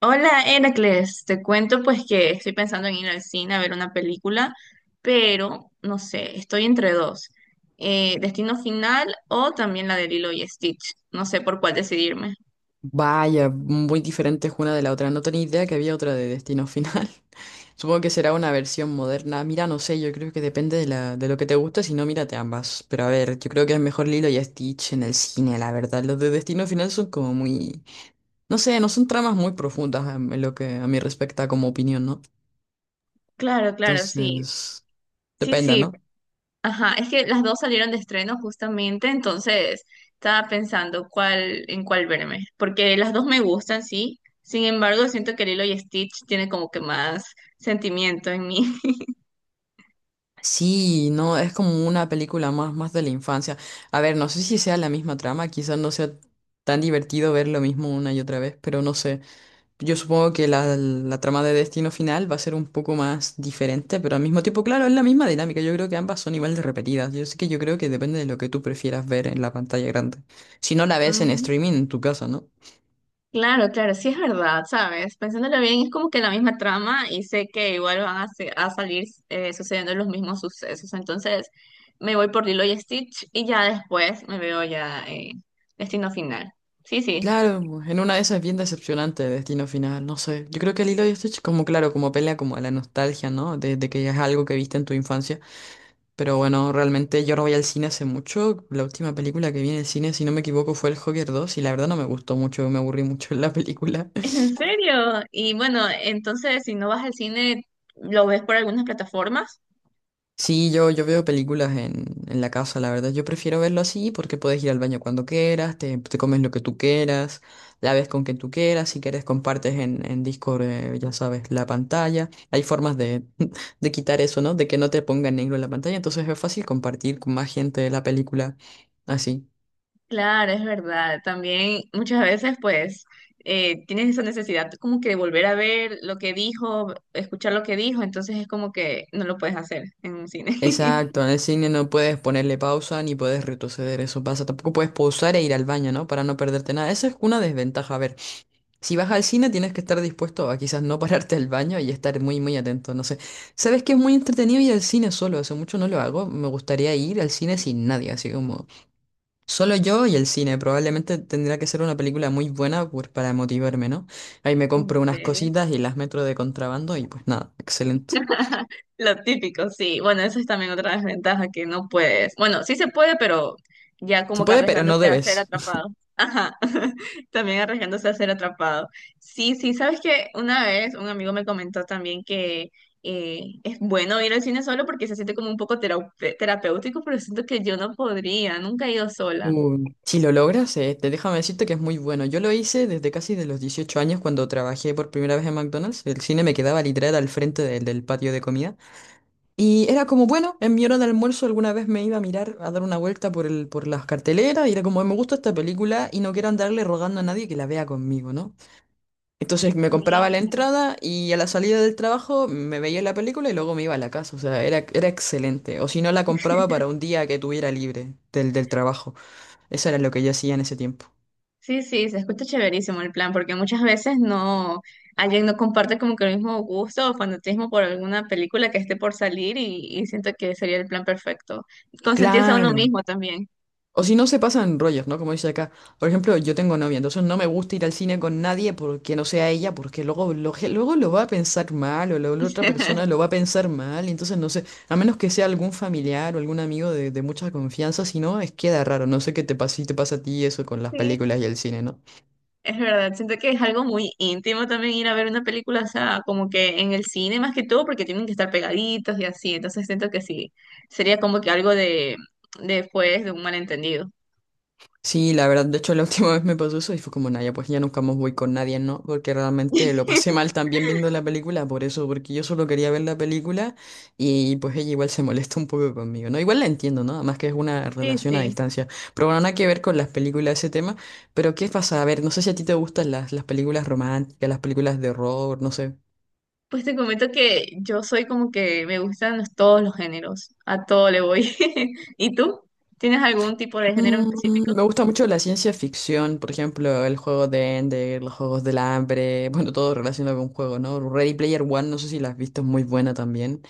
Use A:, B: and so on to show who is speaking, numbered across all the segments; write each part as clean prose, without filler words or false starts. A: Hola, Heracles. Te cuento pues que estoy pensando en ir al cine a ver una película, pero no sé, estoy entre dos. Destino Final o también la de Lilo y Stitch. No sé por cuál decidirme.
B: Vaya, muy diferentes una de la otra. No tenía idea que había otra de Destino Final. Supongo que será una versión moderna. Mira, no sé, yo creo que depende de lo que te guste, si no, mírate ambas. Pero a ver, yo creo que es mejor Lilo y Stitch en el cine, la verdad. Los de Destino Final son como muy... No sé, no son tramas muy profundas en lo que a mí respecta como opinión, ¿no?
A: Claro, claro, sí.
B: Entonces,
A: Sí,
B: depende,
A: sí.
B: ¿no?
A: Ajá, es que las dos salieron de estreno justamente, entonces estaba pensando cuál en cuál verme, porque las dos me gustan, sí. Sin embargo, siento que Lilo y Stitch tiene como que más sentimiento en mí.
B: Sí, no, es como una película más, más de la infancia. A ver, no sé si sea la misma trama, quizás no sea tan divertido ver lo mismo una y otra vez, pero no sé. Yo supongo que la trama de Destino Final va a ser un poco más diferente, pero al mismo tiempo, claro, es la misma dinámica. Yo creo que ambas son igual de repetidas. Yo sé que yo creo que depende de lo que tú prefieras ver en la pantalla grande. Si no la ves en streaming en tu casa, ¿no?
A: Claro, claro, sí es verdad, ¿sabes? Pensándolo bien, es como que la misma trama y sé que igual van a salir sucediendo los mismos sucesos. Entonces me voy por Lilo y Stitch y ya después me veo ya Destino Final. Sí, sí.
B: Claro, en una de esas es bien decepcionante el destino final, no sé. Yo creo que Lilo y Stitch como claro, como pelea como a la nostalgia, ¿no? De que es algo que viste en tu infancia. Pero bueno, realmente yo no voy al cine hace mucho. La última película que vi en el cine, si no me equivoco, fue El Joker 2 y la verdad no me gustó mucho, me aburrí mucho en la película.
A: ¿En serio? Y bueno, entonces si no vas al cine, ¿lo ves por algunas plataformas?
B: Sí, yo veo películas en, la casa, la verdad. Yo prefiero verlo así porque puedes ir al baño cuando quieras, te comes lo que tú quieras, la ves con quien tú quieras, si quieres compartes en Discord, ya sabes, la pantalla. Hay formas de, de quitar eso, ¿no? De que no te ponga en negro la pantalla, entonces es fácil compartir con más gente la película así.
A: Claro, es verdad. También muchas veces, pues, tienes esa necesidad como que de volver a ver lo que dijo, escuchar lo que dijo, entonces es como que no lo puedes hacer en un cine.
B: Exacto, en el cine no puedes ponerle pausa ni puedes retroceder, eso pasa. Tampoco puedes pausar e ir al baño, ¿no? Para no perderte nada. Esa es una desventaja, a ver. Si vas al cine tienes que estar dispuesto a quizás no pararte al baño y estar muy muy atento, no sé. Sabes que es muy entretenido ir al cine solo, hace mucho no lo hago, me gustaría ir al cine sin nadie, así como solo yo y el cine, probablemente tendría que ser una película muy buena para motivarme, ¿no? Ahí me
A: ¿En
B: compro unas
A: serio?
B: cositas y las meto de contrabando y pues nada, excelente.
A: Lo típico, sí. Bueno, eso es también otra desventaja que no puedes. Bueno, sí se puede, pero ya
B: Se
A: como que
B: puede, pero no
A: arriesgándose a ser
B: debes.
A: atrapado. Ajá. También arriesgándose a ser atrapado. Sí, sí, sabes que una vez un amigo me comentó también que es bueno ir al cine solo porque se siente como un poco terapéutico, pero siento que yo no podría, nunca he ido sola.
B: Si lo logras, te déjame decirte que es muy bueno. Yo lo hice desde casi de los 18 años cuando trabajé por primera vez en McDonald's. El cine me quedaba literal al frente del patio de comida. Y era como, bueno, en mi hora de almuerzo alguna vez me iba a mirar, a dar una vuelta por las carteleras y era como, me gusta esta película y no quiero andarle rogando a nadie que la vea conmigo, ¿no? Entonces me
A: Sí,
B: compraba la entrada y a la salida del trabajo me veía la película y luego me iba a la casa, o sea, era excelente. O si no, la compraba para un día que tuviera libre del trabajo. Eso era lo que yo hacía en ese tiempo.
A: sí, sí, se escucha chéverísimo el plan, porque muchas veces no, alguien no comparte como que el mismo gusto o fanatismo por alguna película que esté por salir y siento que sería el plan perfecto. Consentirse a uno
B: Claro.
A: mismo también.
B: O si no se pasan rollos, ¿no? Como dice acá. Por ejemplo, yo tengo novia, entonces no me gusta ir al cine con nadie porque no sea ella, porque luego lo va a pensar mal o la otra persona lo va a pensar mal, y entonces no sé, a menos que sea algún familiar o algún amigo de mucha confianza, si no, es queda raro. No sé qué te pasa, si te pasa a ti eso con las
A: Sí,
B: películas y el cine, ¿no?
A: es verdad, siento que es algo muy íntimo también ir a ver una película, o sea, como que en el cine más que todo, porque tienen que estar pegaditos y así, entonces siento que sí, sería como que algo de, después de pues, de un malentendido.
B: Sí, la verdad, de hecho la última vez me pasó eso y fue como, Naya, pues ya nunca más voy con nadie, ¿no? Porque realmente lo pasé mal también viendo la película, por eso, porque yo solo quería ver la película y pues ella igual se molesta un poco conmigo, ¿no? Igual la entiendo, ¿no? Además que es una
A: Sí,
B: relación a
A: sí.
B: distancia. Pero bueno, nada que ver con las películas ese tema, pero ¿qué pasa? A ver, no sé si a ti te gustan las películas románticas, las películas de horror, no sé.
A: Pues te comento que yo soy como que me gustan todos los géneros, a todo le voy. ¿Y tú? ¿Tienes algún tipo de género en específico?
B: Me gusta mucho la ciencia ficción, por ejemplo, el juego de Ender, los juegos del hambre, bueno, todo relacionado con juego, ¿no? Ready Player One, no sé si la has visto, es muy buena también,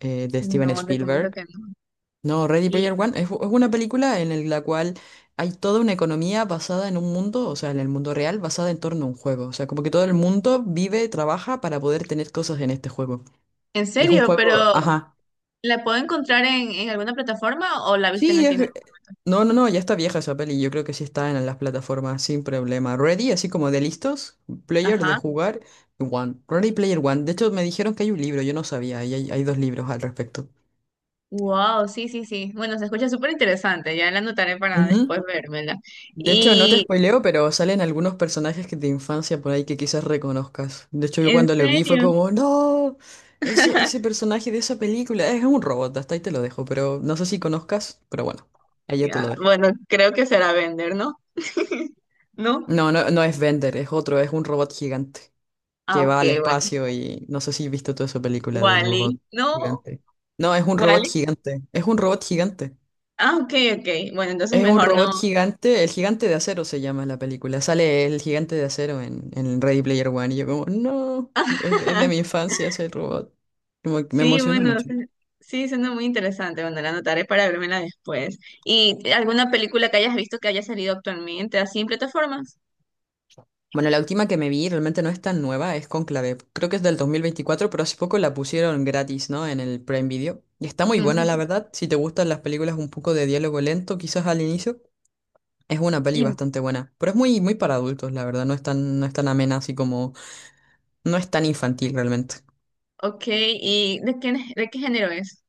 B: de Steven
A: No, te comento
B: Spielberg.
A: que no.
B: No, Ready
A: ¿Y
B: Player One es una película en la cual hay toda una economía basada en un mundo, o sea, en el mundo real, basada en torno a un juego. O sea, como que todo el mundo vive, trabaja para poder tener cosas en este juego.
A: en
B: Y es un
A: serio? ¿Pero
B: juego, ajá.
A: la puedo encontrar en alguna plataforma o la viste en
B: Sí,
A: el cine?
B: no, no, no, ya está vieja esa peli. Yo creo que sí está en las plataformas sin problema. Ready, así como de listos, player de
A: Ajá.
B: jugar, One. Ready Player One. De hecho, me dijeron que hay un libro, yo no sabía, y hay dos libros al respecto.
A: Wow, sí, sí, sí. Bueno, se escucha súper interesante, ya la anotaré para
B: Ujú.
A: después vérmela.
B: De hecho, no te
A: Y
B: spoileo, pero salen algunos personajes que de infancia por ahí que quizás reconozcas. De hecho, yo
A: en
B: cuando lo vi fue
A: serio,
B: como, no, ese personaje de esa película es un robot, hasta ahí te lo dejo, pero no sé si conozcas, pero bueno, ahí ya te
A: ya,
B: lo dejo.
A: bueno, creo que será vender, ¿no? ¿No?
B: No, no, no es Bender, es otro, es un robot gigante.
A: Ah,
B: Que
A: ok,
B: va al
A: bueno.
B: espacio y no sé si has visto toda esa película del robot
A: Wally, no.
B: gigante. No, es un robot
A: Wally.
B: gigante, es un robot gigante.
A: Ah, ok, ok. Bueno, entonces
B: Es un
A: mejor
B: robot
A: no.
B: gigante, el gigante de acero se llama la película. Sale el gigante de acero en, Ready Player One y yo como, no, es de mi infancia ese robot. Como que me
A: Sí,
B: emociona
A: bueno,
B: mucho.
A: sí, suena muy interesante. Bueno, la anotaré para vérmela después. ¿Y alguna película que hayas visto que haya salido actualmente así en plataformas?
B: Bueno, la última que me vi realmente no es tan nueva, es Conclave. Creo que es del 2024 pero hace poco la pusieron gratis, ¿no? En el Prime Video. Y está muy buena,
A: Ujú.
B: la verdad. Si te gustan las películas un poco de diálogo lento, quizás al inicio. Es una peli
A: Y,
B: bastante buena, pero es muy, muy para adultos, la verdad, no es tan amena así como, no es tan infantil realmente.
A: ok, ¿y de qué género es?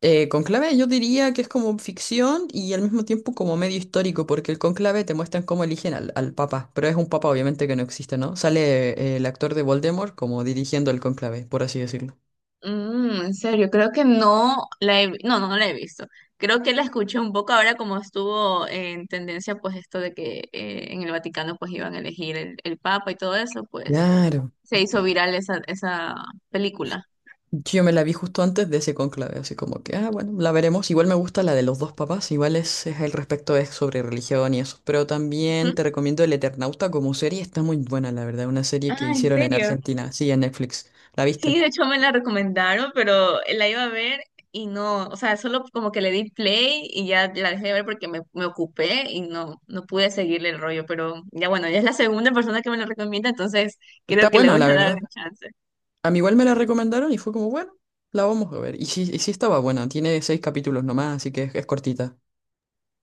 B: Conclave yo diría que es como ficción y al mismo tiempo como medio histórico, porque el conclave te muestran cómo eligen al papa, pero es un papa obviamente que no existe, ¿no? Sale el actor de Voldemort como dirigiendo el conclave, por así decirlo.
A: Mm, en serio, creo que no, no la he visto. Creo que la escuché un poco ahora como estuvo en tendencia pues esto de que en el Vaticano pues iban a elegir el Papa y todo eso, pues
B: Claro.
A: se hizo viral esa película.
B: Yo me la vi justo antes de ese conclave, así como que, ah, bueno, la veremos. Igual me gusta la de los dos papás, igual es el respecto es sobre religión y eso. Pero también
A: ¿Mm?
B: te recomiendo El Eternauta como serie, está muy buena, la verdad. Una serie que
A: Ah, ¿en
B: hicieron en
A: serio?
B: Argentina, sí, en Netflix. ¿La
A: Sí,
B: viste?
A: de hecho me la recomendaron, pero la iba a ver y no, o sea, solo como que le di play y ya la dejé de ver porque me ocupé y no, no pude seguirle el rollo, pero ya bueno, ya es la segunda persona que me lo recomienda, entonces
B: Está
A: creo que le
B: buena,
A: voy
B: la
A: a dar
B: verdad.
A: un chance.
B: A mí igual me la recomendaron y fue como, bueno, la vamos a ver. Y sí estaba buena, tiene 6 capítulos nomás, así que es cortita.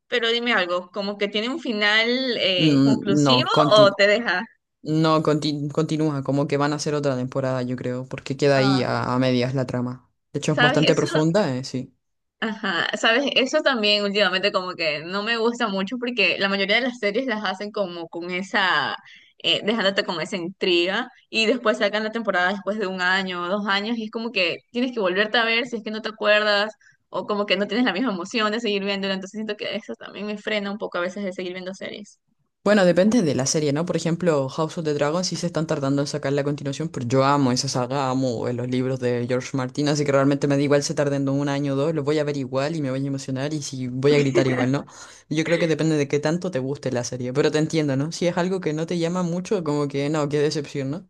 A: Pero dime algo, ¿como que tiene un final
B: No,
A: conclusivo o
B: continúa.
A: te deja?
B: No, conti- Continúa, como que van a hacer otra temporada, yo creo, porque queda ahí
A: Ah,
B: a medias la trama. De hecho, es
A: ¿sabes?
B: bastante
A: Eso,
B: profunda, sí.
A: ajá, sabes, eso también últimamente como que no me gusta mucho porque la mayoría de las series las hacen como con dejándote con esa intriga y después sacan la temporada después de un año o dos años y es como que tienes que volverte a ver si es que no te acuerdas o como que no tienes la misma emoción de seguir viéndola, entonces siento que eso también me frena un poco a veces de seguir viendo series.
B: Bueno, depende de la serie, ¿no? Por ejemplo, House of the Dragon sí se están tardando en sacar la continuación, pero yo amo esa saga, amo los libros de George Martin, así que realmente me da igual se tarden un año o dos, los voy a ver igual y me voy a emocionar y si voy a gritar igual, ¿no? Yo creo que depende de qué tanto te guste la serie, pero te entiendo, ¿no? Si es algo que no te llama mucho, como que no, qué decepción, ¿no?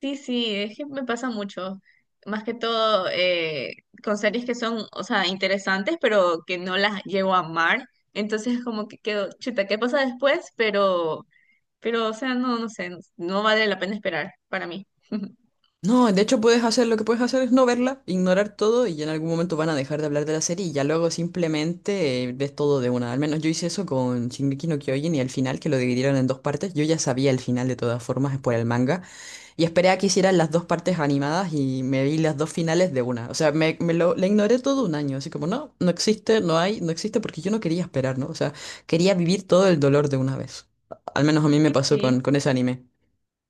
A: Sí, sí, es que me pasa mucho. Más que todo con series que son, o sea, interesantes, pero que no las llego a amar. Entonces, como que quedo, chuta, ¿qué pasa después? Pero, o sea, no, no sé, no vale la pena esperar para mí.
B: No, de hecho puedes hacer lo que puedes hacer es no verla, ignorar todo y en algún momento van a dejar de hablar de la serie y ya luego simplemente ves todo de una. Al menos yo hice eso con Shingeki no Kyojin y al final que lo dividieron en dos partes, yo ya sabía el final de todas formas por el manga y esperé a que hicieran las dos partes animadas y me vi las dos finales de una. O sea, me lo la ignoré todo un año, así como no, existe, no hay, no existe porque yo no quería esperar, ¿no? O sea, quería vivir todo el dolor de una vez. Al menos a mí me pasó
A: Sí,
B: con ese anime.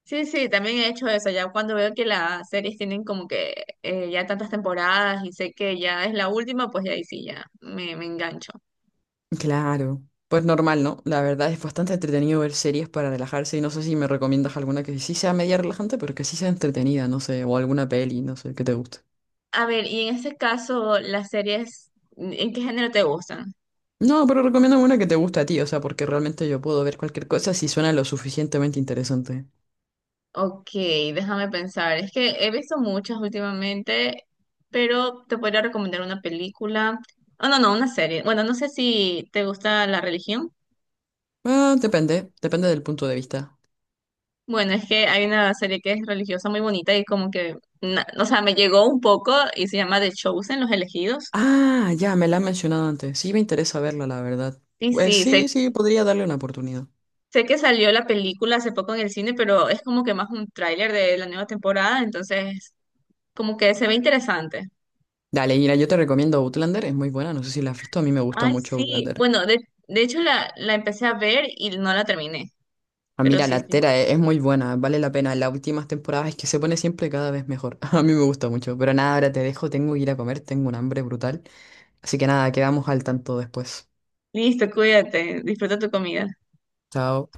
A: sí, sí, sí, también he hecho eso, ya cuando veo que las series tienen como que ya tantas temporadas y sé que ya es la última, pues ya ahí sí, me engancho.
B: Claro, pues normal, ¿no? La verdad es bastante entretenido ver series para relajarse y no sé si me recomiendas alguna que sí sea media relajante, pero que sí sea entretenida, no sé, o alguna peli, no sé, que te guste.
A: A ver, y en este caso, las series, ¿en qué género te gustan?
B: No, pero recomiendo una que te guste a ti, o sea, porque realmente yo puedo ver cualquier cosa si suena lo suficientemente interesante.
A: Ok, déjame pensar. Es que he visto muchas últimamente, pero te podría recomendar una película. Oh, no, no, una serie. Bueno, no sé si te gusta la religión.
B: Ah, depende del punto de vista.
A: Bueno, es que hay una serie que es religiosa muy bonita y como que, o sea, me llegó un poco y se llama The Chosen, Los Elegidos.
B: Ah, ya, me la han mencionado antes, sí me interesa verla, la verdad.
A: Sí,
B: Pues
A: sí, sé,
B: sí, sí, podría darle una oportunidad.
A: sé que salió la película hace poco en el cine, pero es como que más un tráiler de la nueva temporada, entonces como que se ve interesante.
B: Dale, mira, yo te recomiendo Outlander, es muy buena, no sé si la has visto, a mí me gusta
A: Ay,
B: mucho
A: sí.
B: Outlander.
A: Bueno, de hecho la empecé a ver y no la terminé.
B: Ah,
A: Pero
B: mira,
A: sí,
B: la
A: sí.
B: es muy buena, vale la pena. Las últimas temporadas es que se pone siempre cada vez mejor. A mí me gusta mucho. Pero nada, ahora te dejo, tengo que ir a comer, tengo un hambre brutal. Así que nada, quedamos al tanto después.
A: Listo, cuídate. Disfruta tu comida.
B: Chao.